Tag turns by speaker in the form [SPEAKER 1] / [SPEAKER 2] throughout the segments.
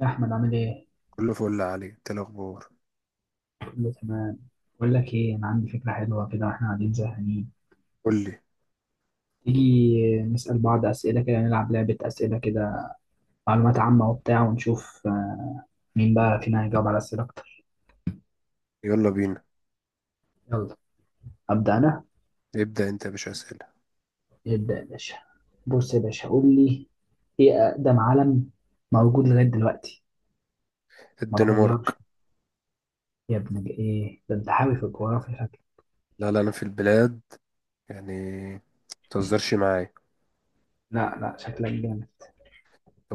[SPEAKER 1] يا احمد عامل ايه؟
[SPEAKER 2] كله فل علي، انت الاخبار؟
[SPEAKER 1] كله تمام. بقول لك ايه، انا عندي فكره حلوه كده واحنا قاعدين زهقانين.
[SPEAKER 2] قول لي.
[SPEAKER 1] تيجي نسال بعض اسئله كده، نلعب لعبه اسئله كده، معلومات عامه وبتاع ونشوف مين بقى فينا هيجاوب على اسئله اكتر.
[SPEAKER 2] يلا بينا.
[SPEAKER 1] يلا ابدا انا.
[SPEAKER 2] ابدا انت يا باشا، اسئله.
[SPEAKER 1] ابدا يا باشا. بص يا باشا، قول لي ايه اقدم علم موجود لغايه دلوقتي ما
[SPEAKER 2] الدنمارك.
[SPEAKER 1] اتغيرش. ايه ده، انت حاوي في الجغرافيا شكلك.
[SPEAKER 2] لا لا، انا في البلاد يعني. متهزرش معايا.
[SPEAKER 1] لا لا، شكلك جامد.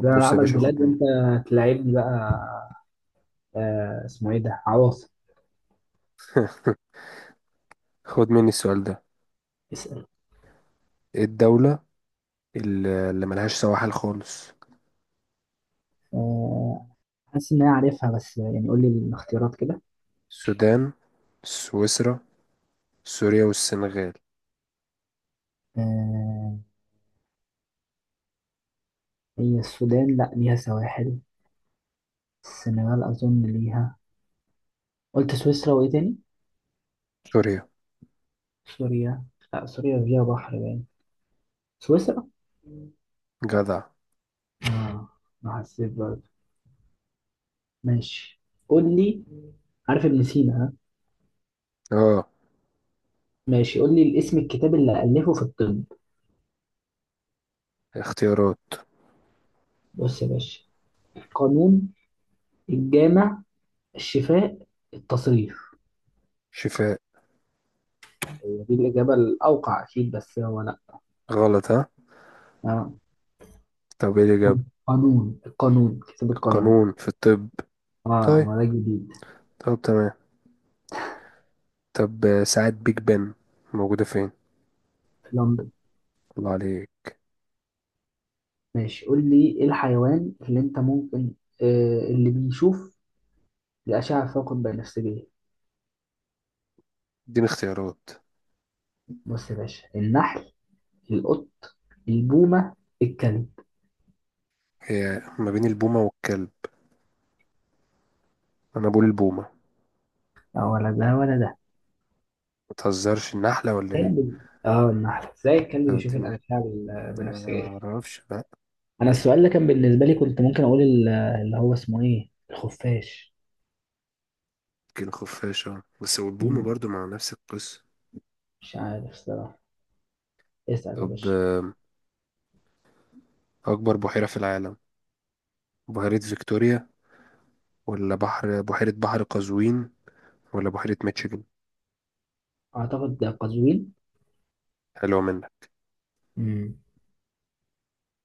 [SPEAKER 1] ده انا
[SPEAKER 2] بص يا
[SPEAKER 1] العبك
[SPEAKER 2] باشا، خد
[SPEAKER 1] بلاد
[SPEAKER 2] مني.
[SPEAKER 1] وانت تلعبني بقى. آه اسمه ايه ده، عواصم.
[SPEAKER 2] خد مني السؤال ده.
[SPEAKER 1] اسال.
[SPEAKER 2] ايه الدوله اللي ملهاش سواحل خالص؟
[SPEAKER 1] آه، حاسس ان انا عارفها، بس يعني قول لي الاختيارات كده.
[SPEAKER 2] السودان، سويسرا، سوريا والسنغال.
[SPEAKER 1] آه، هي السودان لا ليها سواحل، السنغال اظن ليها. قلت سويسرا وايه تاني؟
[SPEAKER 2] سوريا.
[SPEAKER 1] سوريا. لا سوريا فيها بحر باين. سويسرا.
[SPEAKER 2] جدع.
[SPEAKER 1] اه، ما حسيت برضه. ماشي، قول لي. عارف ابن سينا؟ ها،
[SPEAKER 2] اه.
[SPEAKER 1] ماشي قول لي الاسم الكتاب اللي ألفه في الطب.
[SPEAKER 2] اختيارات.
[SPEAKER 1] بص يا باشا، القانون، الجامع، الشفاء، التصريف.
[SPEAKER 2] شفاء.
[SPEAKER 1] هي دي الإجابة الأوقع أكيد، بس هو لأ.
[SPEAKER 2] غلط ها؟
[SPEAKER 1] آه.
[SPEAKER 2] طب ايه الإجابة؟
[SPEAKER 1] قانون، القانون، كتاب القانون.
[SPEAKER 2] القانون في الطب.
[SPEAKER 1] اه،
[SPEAKER 2] طيب.
[SPEAKER 1] ما ده جديد.
[SPEAKER 2] طب تمام. طب. ساعة بيج بن موجودة فين؟
[SPEAKER 1] لندن.
[SPEAKER 2] الله عليك.
[SPEAKER 1] ماشي قول لي ايه الحيوان اللي انت ممكن، آه اللي بيشوف الأشعة فوق البنفسجية.
[SPEAKER 2] اديني اختيارات.
[SPEAKER 1] بص يا باشا، النحل، القط، البومة، الكلب.
[SPEAKER 2] هي ما بين البومة والكلب. انا بقول البومة.
[SPEAKER 1] اه، ولا ده ولا ده.
[SPEAKER 2] ما تهزرش، النحلة ولا ايه؟
[SPEAKER 1] كلب. اه النحل، ازاي الكلب
[SPEAKER 2] طب
[SPEAKER 1] بيشوف الأشعة البنفسجية؟
[SPEAKER 2] ما اعرفش، لا.
[SPEAKER 1] انا السؤال ده كان بالنسبة لي كنت ممكن اقول اللي هو اسمه ايه، الخفاش.
[SPEAKER 2] يمكن خفاشة، بس والبومة
[SPEAKER 1] مم.
[SPEAKER 2] برضو مع نفس القصة.
[SPEAKER 1] مش عارف الصراحة. اسأل يا
[SPEAKER 2] طب
[SPEAKER 1] باشا.
[SPEAKER 2] اكبر بحيرة في العالم؟ بحيرة فيكتوريا، ولا بحيرة بحر قزوين، ولا بحيرة ميتشيجن؟
[SPEAKER 1] اعتقد ده قزوين.
[SPEAKER 2] حلوة منك.
[SPEAKER 1] مم.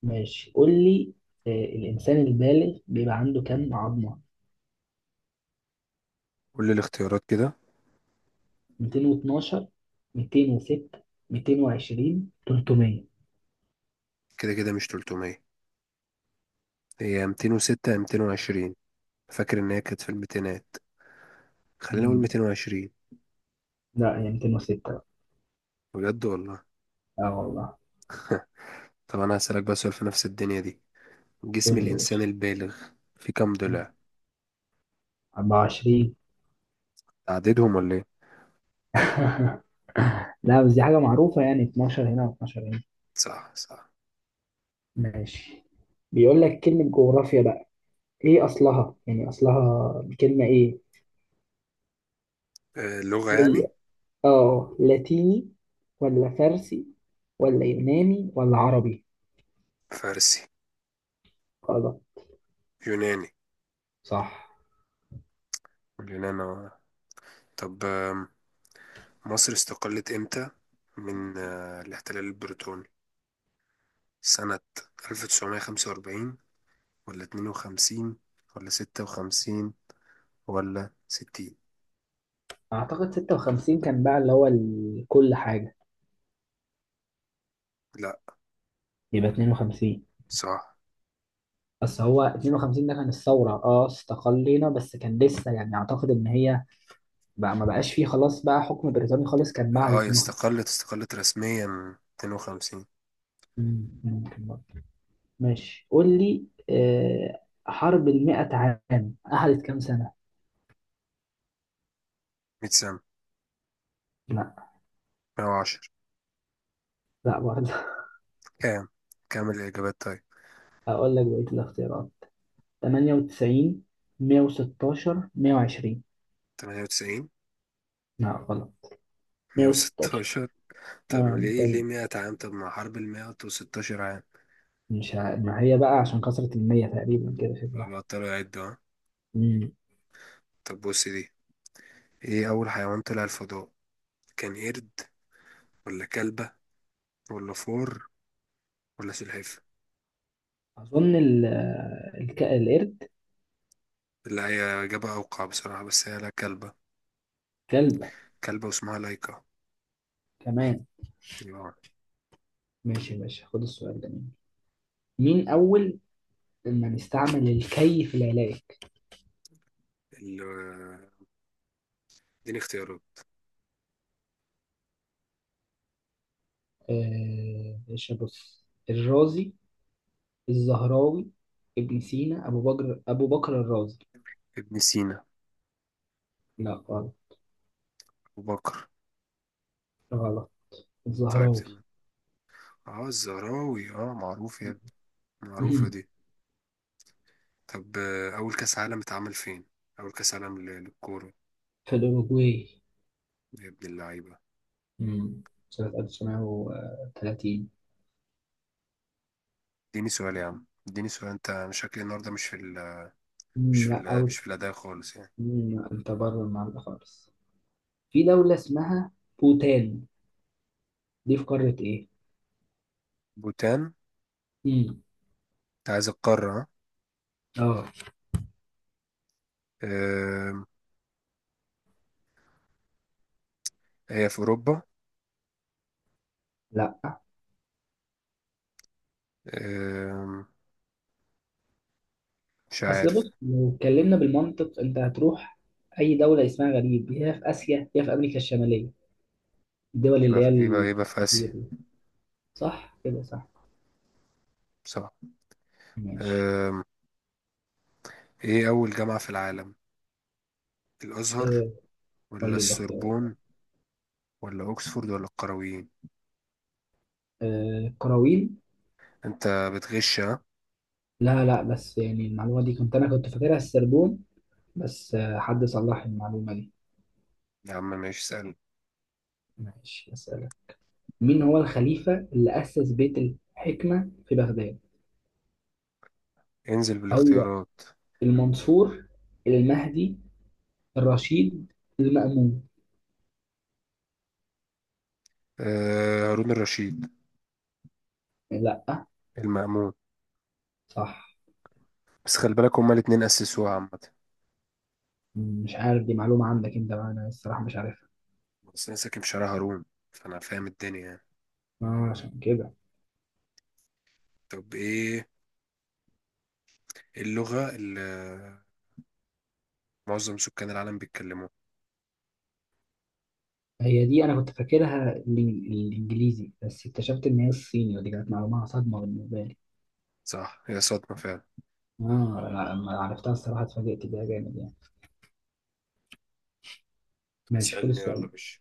[SPEAKER 1] ماشي قول لي. آه، الإنسان البالغ بيبقى عنده كام عظمة؟
[SPEAKER 2] كل الاختيارات كده.
[SPEAKER 1] 212، 206، 220، 300.
[SPEAKER 2] كده مش 300. هي 206 يا 220. فاكر ان هي كانت في الميتينات. خلينا نقول
[SPEAKER 1] مم.
[SPEAKER 2] 220.
[SPEAKER 1] لا هي 206 بقى.
[SPEAKER 2] بجد والله.
[SPEAKER 1] اه والله.
[SPEAKER 2] طب انا هسألك بقى سؤال في نفس الدنيا دي.
[SPEAKER 1] قول
[SPEAKER 2] جسم
[SPEAKER 1] لي يا
[SPEAKER 2] الانسان
[SPEAKER 1] باشا.
[SPEAKER 2] البالغ، في كم
[SPEAKER 1] آه،
[SPEAKER 2] ضلع؟
[SPEAKER 1] 24.
[SPEAKER 2] تعددهم ولا ايه؟
[SPEAKER 1] لا بس دي حاجة معروفة، يعني 12 هنا و12 هنا.
[SPEAKER 2] صح، صح.
[SPEAKER 1] ماشي. بيقول لك كلمة جغرافيا بقى، ايه أصلها؟ يعني أصلها الكلمة ايه؟
[SPEAKER 2] لغة
[SPEAKER 1] هي
[SPEAKER 2] يعني.
[SPEAKER 1] اه لاتيني ولا فارسي ولا يوناني ولا عربي؟
[SPEAKER 2] فارسي، يوناني.
[SPEAKER 1] صح.
[SPEAKER 2] اليونان هو- طب مصر استقلت امتى؟ من الاحتلال البريطاني، سنة 1945 ولا 52 ولا 56 ولا 60؟
[SPEAKER 1] اعتقد 56 كان بقى اللي هو كل حاجه،
[SPEAKER 2] لا.
[SPEAKER 1] يبقى 52.
[SPEAKER 2] صح.
[SPEAKER 1] بس هو 52 ده كان الثوره، اه استقلينا بس كان لسه يعني اعتقد ان هي بقى ما بقاش فيه خلاص بقى حكم بريطاني خالص كان بعد
[SPEAKER 2] اه، هي
[SPEAKER 1] 52.
[SPEAKER 2] استقلت رسميا 52.
[SPEAKER 1] مم، ممكن برضه. ماشي قول لي، آه حرب المئة عام قعدت كام سنه؟
[SPEAKER 2] 100 سنة.
[SPEAKER 1] لا.
[SPEAKER 2] 110.
[SPEAKER 1] لا برضه.
[SPEAKER 2] كام كام الإجابات طيب؟
[SPEAKER 1] هقول لك بقيه الاختيارات: 98، 116، 120.
[SPEAKER 2] 98،
[SPEAKER 1] لا غلط. 116.
[SPEAKER 2] 116؟ طب
[SPEAKER 1] آه
[SPEAKER 2] ليه
[SPEAKER 1] طيب.
[SPEAKER 2] 100 عام؟ طب ما حرب ال 116 عام.
[SPEAKER 1] مش ع... ما هي بقى عشان كثرة المية تقريبا كده شكلها.
[SPEAKER 2] فبطلوا يعدوا، ها؟
[SPEAKER 1] امم.
[SPEAKER 2] طب بص دي. ايه أول حيوان طلع الفضاء؟ كان قرد، ولا كلبة، ولا فور، ولا سلحفاة؟
[SPEAKER 1] أظن القرد.
[SPEAKER 2] لا، هي إجابة أوقع بصراحة، بس هي لا، كلبة.
[SPEAKER 1] كلبة؟
[SPEAKER 2] كلبة واسمها لايكا.
[SPEAKER 1] كمان.
[SPEAKER 2] يبقى
[SPEAKER 1] ماشي يا باشا خد السؤال ده مني، مين أول من استعمل الكي في العلاج؟
[SPEAKER 2] ال- اديني اختيارات.
[SPEAKER 1] آه... باشا بص، الرازي، الزهراوي، ابن سينا، أبو بكر، أبو بكر الرازي.
[SPEAKER 2] ابن سينا.
[SPEAKER 1] لا غلط.
[SPEAKER 2] أبو بكر.
[SPEAKER 1] غلط.
[SPEAKER 2] طيب
[SPEAKER 1] الزهراوي.
[SPEAKER 2] تمام. اه، الزهراوي اه معروف يا ابني. معروفة
[SPEAKER 1] مم.
[SPEAKER 2] دي. طب أول كأس عالم اتعمل فين؟ أول كأس عالم للكورة.
[SPEAKER 1] في الأوروجواي.
[SPEAKER 2] يا ابن اللعيبة.
[SPEAKER 1] مم. سنة 1930.
[SPEAKER 2] اديني سؤال يا عم، اديني سؤال. انت مش شكلي النهارده، مش في ال مش في
[SPEAKER 1] لا
[SPEAKER 2] ال
[SPEAKER 1] أو
[SPEAKER 2] مش في الأداء خالص يعني.
[SPEAKER 1] لا، أنت بره المعلقة خالص. في دولة اسمها بوتان، دي في قارة ايه؟
[SPEAKER 2] بوتان.
[SPEAKER 1] امم،
[SPEAKER 2] انت عايز القارة، ها؟
[SPEAKER 1] اه
[SPEAKER 2] أم، هي في أوروبا.
[SPEAKER 1] لا،
[SPEAKER 2] أم، مش
[SPEAKER 1] اصل
[SPEAKER 2] عارف.
[SPEAKER 1] بص لو اتكلمنا بالمنطق انت هتروح اي دولة اسمها غريب يا في اسيا يا في امريكا الشمالية، الدول اللي هي
[SPEAKER 2] يبقى في آسيا.
[SPEAKER 1] الكتير دي. صح كده، صح.
[SPEAKER 2] صح.
[SPEAKER 1] ماشي.
[SPEAKER 2] أم، ايه أول جامعة في العالم؟ الأزهر،
[SPEAKER 1] آه، قول
[SPEAKER 2] ولا
[SPEAKER 1] لي الاختيار.
[SPEAKER 2] السوربون، ولا أوكسفورد، ولا القرويين؟
[SPEAKER 1] آه، القراويل.
[SPEAKER 2] انت بتغش، ها؟
[SPEAKER 1] لا لا بس يعني المعلومة دي كنت فاكرها السربون، بس آه، حد صلح لي المعلومة دي.
[SPEAKER 2] يا عم ماشي، اسأل.
[SPEAKER 1] ماشي اسألك، مين هو الخليفة اللي أسس بيت الحكمة في بغداد؟
[SPEAKER 2] انزل
[SPEAKER 1] هو
[SPEAKER 2] بالاختيارات.
[SPEAKER 1] المنصور، المهدي، الرشيد، المأمون.
[SPEAKER 2] هارون الرشيد.
[SPEAKER 1] لا.
[SPEAKER 2] المأمون.
[SPEAKER 1] صح.
[SPEAKER 2] بس خلي بالك، هما الاتنين أسسوها عامة.
[SPEAKER 1] مش عارف، دي معلومة عندك انت بقى، انا الصراحة مش عارفها.
[SPEAKER 2] بس انا ساكن في شارع هارون، فانا فاهم الدنيا يعني.
[SPEAKER 1] آه، عشان كده.
[SPEAKER 2] طب ايه اللغة اللي معظم سكان العالم بيتكلموها؟
[SPEAKER 1] هي دي انا كنت فاكرها الانجليزي، بس اكتشفت ان هي الصيني، ودي كانت معلومة صدمة بالنسبة لي.
[SPEAKER 2] صح، هي صدمة فعلا.
[SPEAKER 1] اه لا، لما عرفتها الصراحة اتفاجئت بيها جامد يعني. ماشي خد
[SPEAKER 2] اسألني يلا يا
[SPEAKER 1] السؤال،
[SPEAKER 2] باشا.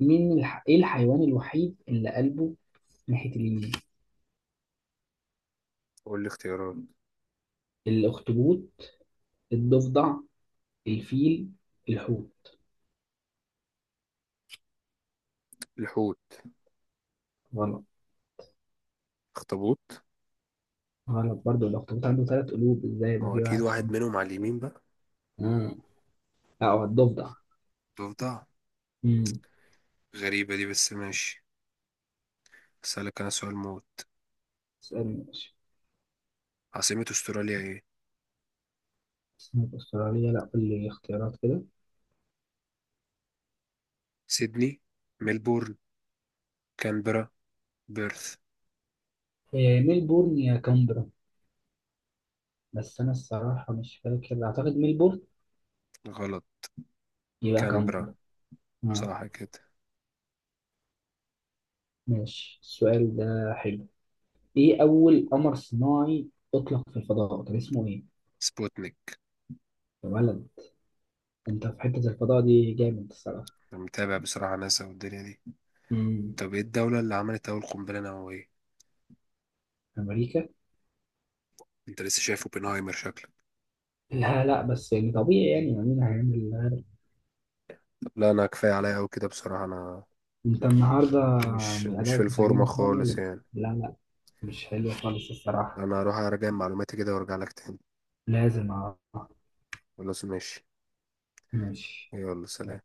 [SPEAKER 1] ايه الحيوان الوحيد اللي قلبه ناحية اليمين؟
[SPEAKER 2] قول لي اختيارات.
[SPEAKER 1] الاخطبوط، الضفدع، الفيل، الحوت.
[SPEAKER 2] الحوت.
[SPEAKER 1] غلط.
[SPEAKER 2] اخطبوط.
[SPEAKER 1] غلط برضه، الأخطبوط عنده ثلاث قلوب، إزاي
[SPEAKER 2] ما
[SPEAKER 1] يبقى
[SPEAKER 2] هو
[SPEAKER 1] في
[SPEAKER 2] اكيد
[SPEAKER 1] واحد
[SPEAKER 2] واحد
[SPEAKER 1] فيهم؟
[SPEAKER 2] منهم على اليمين بقى.
[SPEAKER 1] مم. لا هو الضفدع.
[SPEAKER 2] ضفدع؟
[SPEAKER 1] مم.
[SPEAKER 2] غريبة دي، بس ماشي. اسألك انا سؤال موت.
[SPEAKER 1] اسألني، ماشي.
[SPEAKER 2] عاصمة استراليا ايه؟
[SPEAKER 1] سمك أستراليا؟ لا، قول لي اختيارات كده.
[SPEAKER 2] سيدني، ملبورن، كانبرا، بيرث؟
[SPEAKER 1] إيه، ميلبورن يا كامبرا، بس أنا الصراحة مش فاكر، أعتقد ميلبورن.
[SPEAKER 2] غلط.
[SPEAKER 1] يبقى
[SPEAKER 2] كانبرا.
[SPEAKER 1] كامبرا. آه.
[SPEAKER 2] صح كده.
[SPEAKER 1] ماشي، السؤال ده حلو. إيه أول قمر صناعي أطلق في الفضاء كان اسمه إيه؟
[SPEAKER 2] سبوتنيك.
[SPEAKER 1] يا ولد، أنت في حتة الفضاء دي جامد الصراحة.
[SPEAKER 2] أنا متابع بصراحة، ناسا والدنيا دي.
[SPEAKER 1] مم.
[SPEAKER 2] طب ايه الدولة اللي عملت أول قنبلة نووية؟
[SPEAKER 1] أمريكا؟
[SPEAKER 2] انت لسه شايف اوبنهايمر شكلك.
[SPEAKER 1] لا لا بس يعني طبيعي، يعني مين هيعمل.
[SPEAKER 2] لا، انا كفايه عليا قوي كده بصراحه، انا
[SPEAKER 1] انت النهارده،
[SPEAKER 2] مش
[SPEAKER 1] مش
[SPEAKER 2] مش في
[SPEAKER 1] ادائك مش
[SPEAKER 2] الفورمه
[SPEAKER 1] عاجبني
[SPEAKER 2] خالص
[SPEAKER 1] خالص،
[SPEAKER 2] يعني.
[SPEAKER 1] لا لا، مش حلو خالص الصراحه.
[SPEAKER 2] انا هروح اراجع معلوماتي كده وارجع لك تاني.
[SPEAKER 1] لازم اعرف.
[SPEAKER 2] خلاص ماشي.
[SPEAKER 1] ماشي.
[SPEAKER 2] يلا سلام.